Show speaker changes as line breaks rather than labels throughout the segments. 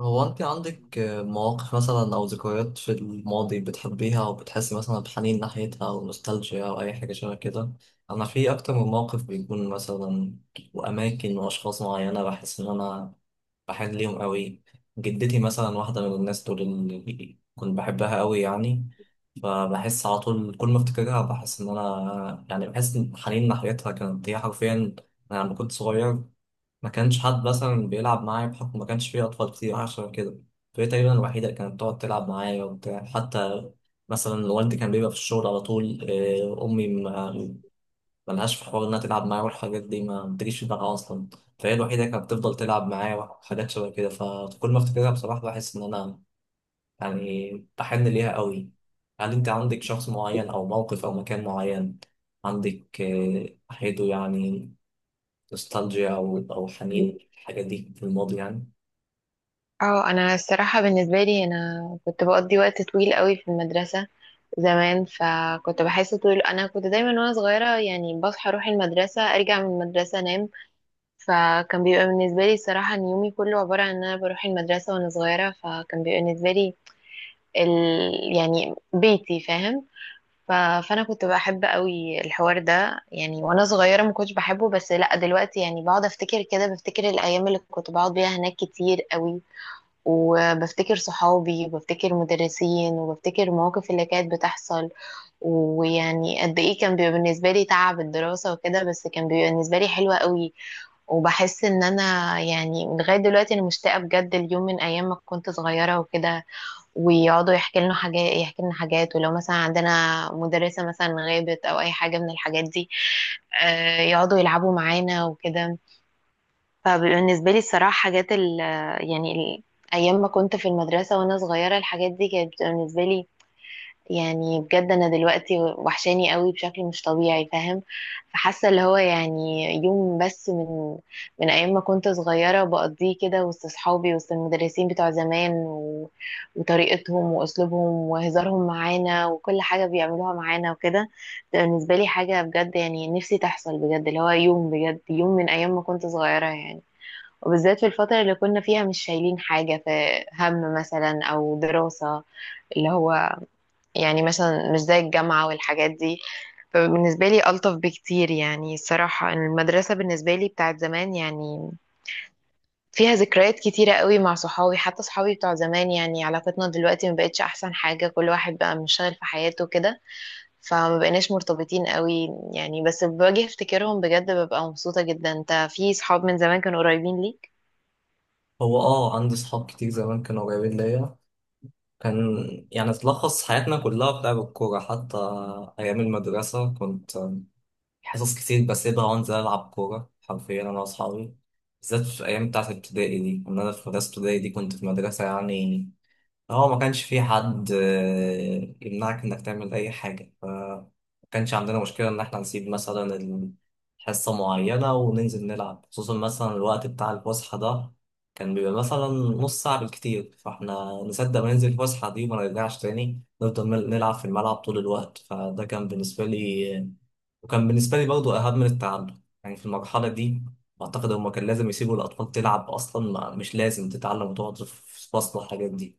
هو انت عندك مواقف مثلا او ذكريات في الماضي بتحبيها او بتحسي مثلا بحنين ناحيتها او نوستالجيا او اي حاجه شبه كده؟ انا في اكتر من موقف بيكون مثلا، واماكن واشخاص معينه بحس ان انا بحن ليهم قوي. جدتي مثلا واحده من الناس دول اللي كنت بحبها قوي يعني، فبحس على طول كل ما افتكرها بحس ان انا يعني بحس ان الحنين ناحيتها كانت هي حرفيا. انا لما كنت صغير ما كانش حد مثلا بيلعب معايا بحكم ما كانش فيه أطفال كتير عشان كده، فهي تقريبا الوحيدة اللي كانت بتقعد تلعب معايا وبتاع، حتى مثلا والدي كان بيبقى في الشغل على طول. أمي ملهاش في حوار إنها تلعب معايا والحاجات دي ما بتجيش في دماغها أصلا. فهي الوحيدة اللي كانت بتفضل تلعب معايا وحاجات شبه كده، فكل ما أفتكرها بصراحة بحس إن أنا يعني بحن ليها قوي. هل أنت عندك شخص معين أو موقف أو مكان معين عندك ناحيته يعني نوستالجيا أو حنين الحاجة دي في الماضي يعني؟
اه انا الصراحه بالنسبه لي انا كنت بقضي وقت طويل قوي في المدرسه زمان، فكنت بحس طول انا كنت دايما وانا صغيره يعني بصحى اروح المدرسه ارجع من المدرسه انام. فكان بيبقى بالنسبه لي الصراحه ان يومي كله عباره عن ان انا بروح المدرسه وانا صغيره، فكان بيبقى بالنسبه لي ال... يعني بيتي، فاهم؟ ف... فانا كنت بحب قوي الحوار ده، يعني وانا صغيره ما كنتش بحبه بس لا دلوقتي، يعني بقعد افتكر كده، بفتكر الايام اللي كنت بقعد بيها هناك كتير قوي. وبفتكر صحابي وبفتكر مدرسين وبفتكر المواقف اللي كانت بتحصل. ويعني قد ايه كان بيبقى بالنسبة لي تعب الدراسة وكده، بس كان بيبقى بالنسبة لي حلوة قوي. وبحس ان انا يعني لغاية دلوقتي انا مشتاقة بجد اليوم من ايام ما كنت صغيرة وكده، ويقعدوا يحكي لنا حاجات يحكي لنا حاجات، ولو مثلا عندنا مدرسة مثلا غابت او اي حاجة من الحاجات دي يقعدوا يلعبوا معانا وكده. فبالنسبة لي الصراحة حاجات يعني أيام ما كنت في المدرسة وأنا صغيرة، الحاجات دي كانت بتبقى بالنسبة لي، يعني بجد أنا دلوقتي وحشاني قوي بشكل مش طبيعي، فاهم؟ فحاسة اللي هو يعني يوم بس من أيام ما كنت صغيرة بقضيه كده وسط صحابي، وسط المدرسين بتوع زمان، وطريقتهم وأسلوبهم وهزارهم معانا وكل حاجة بيعملوها معانا وكده. ده بالنسبة لي حاجة بجد يعني نفسي تحصل بجد، اللي هو يوم بجد، يوم من أيام ما كنت صغيرة يعني. وبالذات في الفترة اللي كنا فيها مش شايلين حاجة في هم مثلا أو دراسة، اللي هو يعني مثلا مش زي الجامعة والحاجات دي. فبالنسبة لي ألطف بكتير، يعني الصراحة المدرسة بالنسبة لي بتاعت زمان يعني فيها ذكريات كتيرة قوي مع صحابي. حتى صحابي بتوع زمان يعني علاقتنا دلوقتي ما بقتش أحسن حاجة، كل واحد بقى منشغل في حياته كده، فما بقيناش مرتبطين قوي يعني. بس باجي افتكرهم بجد ببقى مبسوطة جدا. انت في صحاب من زمان كانوا قريبين ليك؟
هو عندي صحاب كتير زمان كانوا قريبين ليا. كان يعني تلخص حياتنا كلها في لعب الكورة. حتى أيام المدرسة كنت حصص كتير بسيبها وأنزل ألعب كورة حرفيا أنا وأصحابي، بالذات في الأيام بتاعت الابتدائي دي، إن أنا في مدرسة ابتدائي دي كنت في مدرسة يعني. هو ما كانش في حد يمنعك انك تعمل اي حاجة، ف ما كانش عندنا مشكلة ان احنا نسيب مثلا حصة معينة وننزل نلعب، خصوصا مثلا الوقت بتاع الفسحة ده كان بيبقى مثلا نص ساعة بالكتير، فاحنا نصدق ما ننزل الفسحة دي وما نرجعش تاني، نفضل نلعب في الملعب طول الوقت. فده كان بالنسبة لي، وكان بالنسبة لي برضه أهم من التعلم يعني في المرحلة دي. أعتقد هما كان لازم يسيبوا الأطفال تلعب أصلا، ما مش لازم تتعلم وتقعد في فصل والحاجات دي.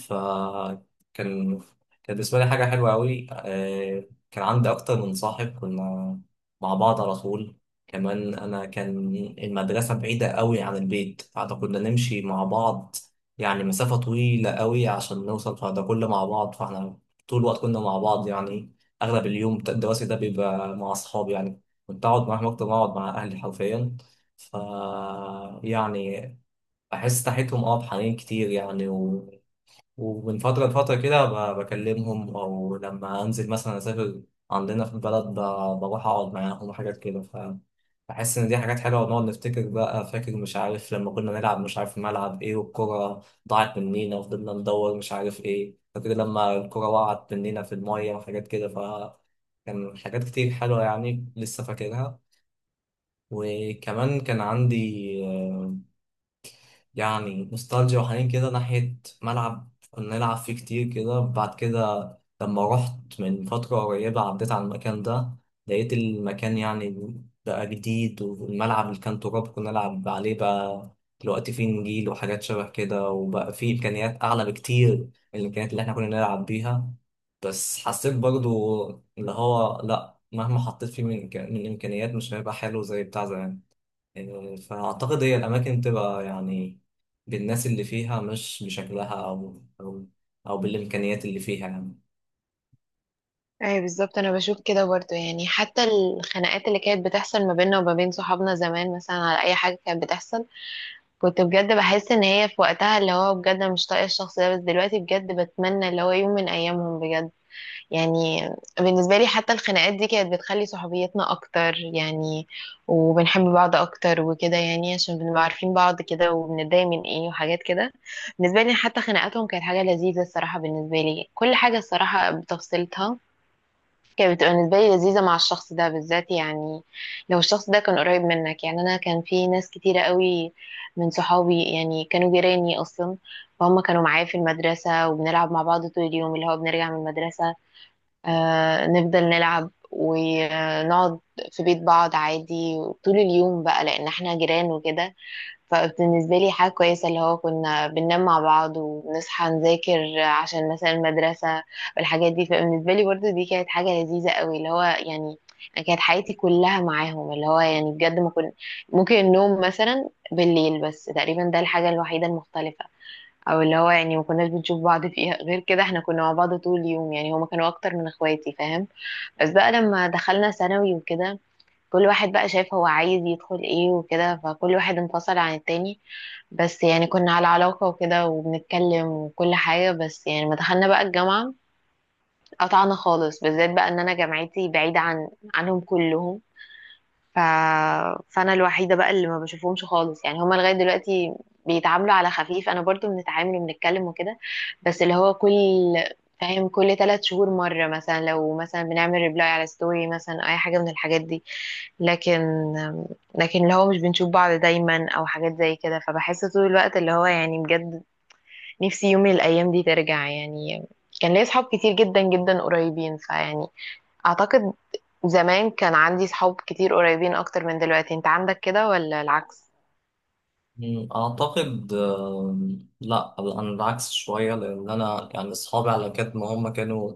فكان كان كان بالنسبة لي حاجة حلوة أوي. كان عندي أكتر من صاحب كنا مع بعض على طول. كمان أنا كان المدرسة بعيدة أوي عن البيت، فده كنا نمشي مع بعض يعني مسافة طويلة أوي عشان نوصل، فده كله مع بعض، فاحنا طول الوقت كنا مع بعض يعني. أغلب اليوم الدراسي ده بيبقى مع أصحابي يعني، كنت أقعد معاهم أكتر ما أقعد مع أهلي حرفيا. ف يعني بحس ناحيتهم بحنين كتير يعني، ومن فترة لفترة كده بكلمهم، أو لما أنزل مثلا أسافر عندنا في البلد بروح أقعد معاهم وحاجات كده. بحس ان دي حاجات حلوه، ونقعد نفتكر بقى، فاكر مش عارف لما كنا نلعب مش عارف في ملعب ايه والكره ضاعت مننا وفضلنا ندور مش عارف ايه، فاكر لما الكره وقعت مننا في الميه وحاجات كده. ف كان حاجات كتير حلوه يعني لسه فاكرها. وكمان كان عندي آه، يعني نوستالجيا وحنين كده ناحيه ملعب كنا نلعب فيه كتير كده. بعد كده لما رحت من فترة قريبة عديت على المكان ده، لقيت المكان يعني بقى جديد، والملعب اللي كان تراب كنا نلعب عليه بقى دلوقتي فيه نجيل وحاجات شبه كده، وبقى فيه إمكانيات أعلى بكتير من الإمكانيات اللي إحنا كنا نلعب بيها. بس حسيت برضو اللي هو لأ، مهما حطيت فيه من من إمكانيات مش هيبقى حلو زي بتاع زمان يعني. فأعتقد هي الأماكن تبقى يعني بالناس اللي فيها، مش بشكلها، أو أو بالإمكانيات اللي فيها يعني.
اي بالظبط. انا بشوف كده برضو يعني، حتى الخناقات اللي كانت بتحصل ما بيننا وما بين صحابنا زمان مثلا على اي حاجه كانت بتحصل، كنت بجد بحس ان هي في وقتها اللي هو بجد أنا مش طايقه الشخص ده، بس دلوقتي بجد بتمنى اللي هو يوم من ايامهم بجد يعني. بالنسبه لي حتى الخناقات دي كانت بتخلي صحوبيتنا اكتر يعني، وبنحب بعض اكتر وكده، يعني عشان بنبقى عارفين بعض كده وبنتضايق من ايه وحاجات كده. بالنسبه لي حتى خناقاتهم كانت حاجه لذيذه الصراحه. بالنسبه لي كل حاجه الصراحه بتفصيلتها كانت بتبقى بالنسبة لي لذيذة مع الشخص ده بالذات يعني. لو الشخص ده كان قريب منك يعني، أنا كان في ناس كتيرة قوي من صحابي يعني كانوا جيراني أصلا. فهم كانوا معايا في المدرسة وبنلعب مع بعض طول اليوم، اللي هو بنرجع من المدرسة، آه نفضل نلعب ونقعد في بيت بعض عادي طول اليوم بقى لأن احنا جيران وكده. فبالنسبة لي حاجة كويسة اللي هو كنا بننام مع بعض وبنصحى نذاكر عشان مثلا المدرسة والحاجات دي، فبالنسبة لي برضو دي كانت حاجة لذيذة قوي. اللي هو يعني أنا كانت حياتي كلها معاهم، اللي هو يعني بجد ما كنت ممكن النوم مثلا بالليل بس، تقريبا ده الحاجة الوحيدة المختلفة، او اللي هو يعني ما كناش بنشوف بعض فيها غير كده، احنا كنا مع بعض طول اليوم يعني هما كانوا اكتر من اخواتي، فاهم؟ بس بقى لما دخلنا ثانوي وكده، كل واحد بقى شايف هو عايز يدخل ايه وكده فكل واحد انفصل عن التاني. بس يعني كنا على علاقة وكده وبنتكلم وكل حاجة، بس يعني ما دخلنا بقى الجامعة قطعنا خالص، بالذات بقى ان انا جامعتي بعيدة عنهم كلهم. ف... فانا الوحيده بقى اللي ما بشوفهمش خالص يعني، هما لغايه دلوقتي بيتعاملوا على خفيف انا برضو بنتعامل وبنتكلم وكده. بس اللي هو كل، فاهم؟ كل 3 شهور مره مثلا، لو مثلا بنعمل ريبلاي على ستوري مثلا اي حاجه من الحاجات دي. لكن لكن اللي هو مش بنشوف بعض دايما او حاجات زي كده، فبحس طول الوقت اللي هو يعني بجد نفسي يوم من الايام دي ترجع يعني. كان ليا اصحاب كتير جدا جدا قريبين، فيعني اعتقد زمان كان عندي صحاب كتير قريبين اكتر من دلوقتي. انت عندك كده ولا العكس؟
أعتقد لا، أنا العكس شوية، لأن أنا يعني أصحابي على قد ما هم كانوا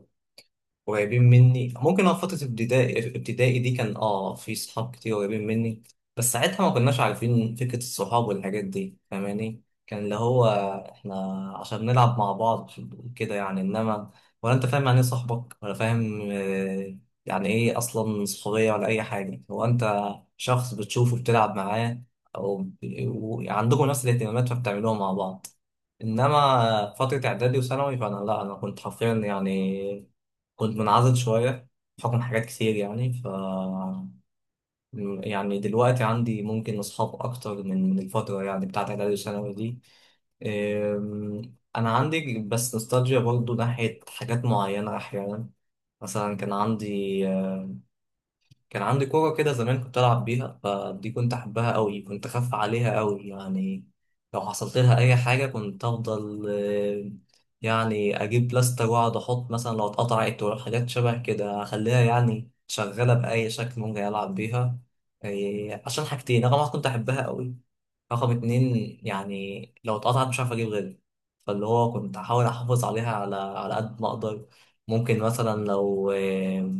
قريبين مني ممكن، فترة ابتدائي ابتدائي دي كان في صحاب كتير قريبين مني، بس ساعتها ما كناش عارفين فكرة الصحاب والحاجات دي، فاهماني كان اللي هو احنا عشان نلعب مع بعض كده يعني، انما ولا انت فاهم يعني ايه صاحبك، ولا فاهم يعني ايه اصلا صحوبية ولا اي حاجة. هو انت شخص بتشوفه بتلعب معاه او ب- عندكم نفس الاهتمامات فبتعملوها مع بعض. انما فترة اعدادي وثانوي فانا لا انا كنت حرفيا يعني كنت منعزل شوية بحكم حاجات كتير يعني. ف يعني دلوقتي عندي ممكن أصحاب أكتر من الفترة يعني بتاعت إعدادي وثانوي دي. أنا عندي بس نوستالجيا برضو ناحية حاجات معينة أحيانا. مثلا كان عندي كورة كده زمان كنت ألعب بيها، فدي كنت أحبها أوي، كنت أخاف عليها أوي يعني. لو حصلت لها أي حاجة كنت أفضل يعني أجيب بلاستر وأقعد أحط، مثلا لو اتقطعت ولا حاجات شبه كده أخليها يعني شغالة بأي شكل ممكن ألعب بيها. عشان حاجتين، رقم واحد كنت أحبها أوي، رقم اتنين يعني لو اتقطعت مش عارف أجيب غيرها، فاللي هو كنت أحاول أحافظ عليها على قد ما أقدر. ممكن مثلا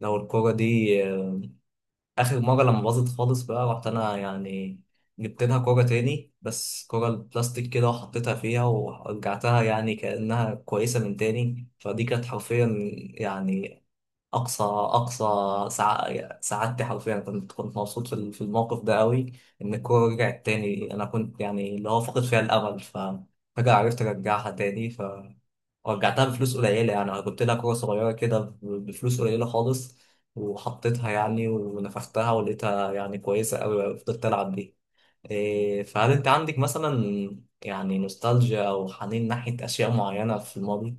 لو الكورة دي، اخر مره لما باظت خالص بقى رحت انا يعني جبت لها كوره تاني، بس كوره البلاستيك كده وحطيتها فيها ورجعتها يعني كانها كويسه من تاني. فدي كانت حرفيا يعني اقصى سعادتي حرفيا، كنت مبسوط في الموقف ده قوي. ان الكوره رجعت تاني انا كنت يعني اللي هو فاقد فيها الامل، فجأة عرفت ارجعها تاني ورجعتها بفلوس قليلة. يعني أنا جبت لها كورة صغيرة كده بفلوس قليلة خالص، وحطيتها يعني ونفختها ولقيتها يعني كويسة أوي وفضلت ألعب بيها. إيه، فهل أنت عندك مثلا يعني نوستالجيا أو حنين ناحية أشياء معينة في الماضي؟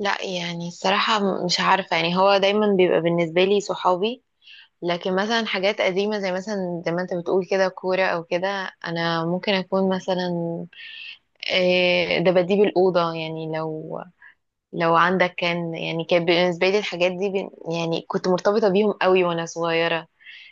لا يعني الصراحة مش عارفة يعني، هو دايما بيبقى بالنسبة لي صحابي. لكن مثلا حاجات قديمة زي مثلا زي ما انت بتقول كده كورة او كده، انا ممكن اكون مثلا دباديب الأوضة يعني. لو عندك كان يعني كان بالنسبة لي الحاجات دي يعني كنت مرتبطة بيهم قوي وانا صغيرة.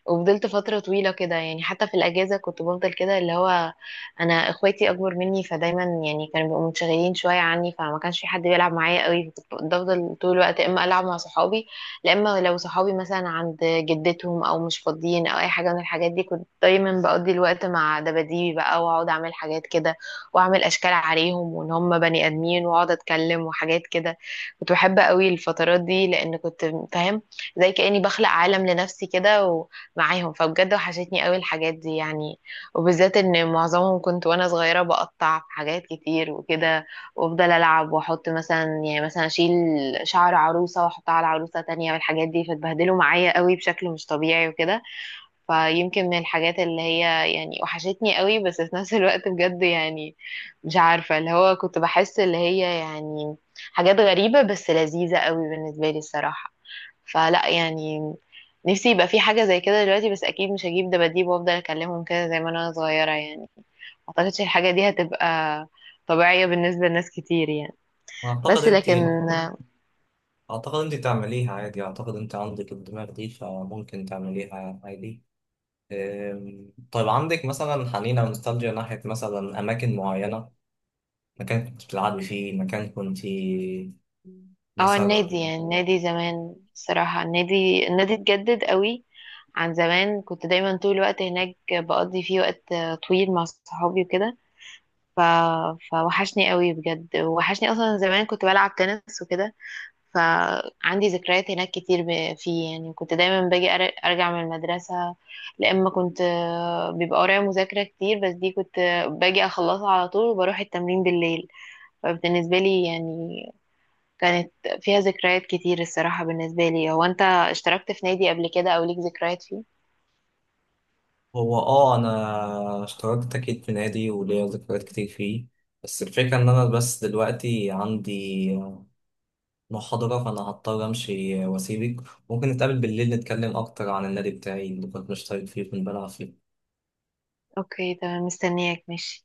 وفضلت فترة طويلة كده يعني، حتى في الأجازة كنت بفضل كده اللي هو أنا إخواتي أكبر مني فدايما يعني كانوا بيبقوا منشغلين شوية عني، فما كانش في حد بيلعب معايا قوي، فكنت بفضل طول الوقت يا إما ألعب مع صحابي، يا إما لو صحابي مثلا عند جدتهم أو مش فاضيين أو أي حاجة من الحاجات دي كنت دايما بقضي الوقت مع دباديبي بقى، وأقعد أعمل حاجات كده وأعمل أشكال عليهم وإن هم بني آدمين وأقعد أتكلم وحاجات كده. كنت بحب قوي الفترات دي لأن كنت فاهم زي كأني بخلق عالم لنفسي كده معاهم. فبجد وحشتني قوي الحاجات دي يعني، وبالذات ان معظمهم كنت وانا صغيرة بقطع في حاجات كتير وكده، وافضل العب واحط مثلا يعني مثلا اشيل شعر عروسة واحطها على عروسة تانية والحاجات دي فتبهدلوا معايا قوي بشكل مش طبيعي وكده. فيمكن من الحاجات اللي هي يعني وحشتني قوي، بس في نفس الوقت بجد يعني مش عارفة اللي هو كنت بحس اللي هي يعني حاجات غريبة بس لذيذة قوي بالنسبة لي الصراحة. فلا يعني نفسي يبقى في حاجة زي كده دلوقتي، بس أكيد مش هجيب دباديب وأفضل أكلمهم كده زي ما أنا صغيرة يعني. ما أعتقدش الحاجة دي هتبقى طبيعية بالنسبة لناس كتير يعني.
أعتقد
بس
أنت
لكن
أعتقد أنت تعمليها عادي، أعتقد أنت عندك الدماغ دي فممكن تعمليها عادي. إيه، طيب عندك مثلا حنين أو نوستالجيا ناحية مثلا أماكن معينة، مكان كنت بتلعبي فيه، مكان كنت
اه النادي
مثلا.
يعني، النادي زمان الصراحة، النادي اتجدد قوي عن زمان. كنت دايما طول الوقت هناك بقضي فيه وقت طويل مع صحابي وكده. ف... فوحشني قوي بجد، وحشني أصلا زمان كنت بلعب تنس وكده، فعندي ذكريات هناك كتير. فيه يعني كنت دايما باجي ارجع من المدرسة لأما كنت بيبقى ورايا مذاكرة كتير، بس دي كنت باجي اخلصها على طول وبروح التمرين بالليل. فبالنسبة لي يعني كانت فيها ذكريات كتير الصراحة بالنسبة لي. هو انت اشتركت في نادي قبل كده او ليك ذكريات فيه؟
هو انا اشتركت اكيد في نادي وليا ذكريات كتير فيه. بس الفكره ان انا بس دلوقتي عندي محاضره فانا هضطر امشي واسيبك. ممكن نتقابل بالليل نتكلم اكتر عن النادي بتاعي اللي كنت مشترك فيه وكنت بلعب فيه.
اوكي تمام، مستنياك، ماشي.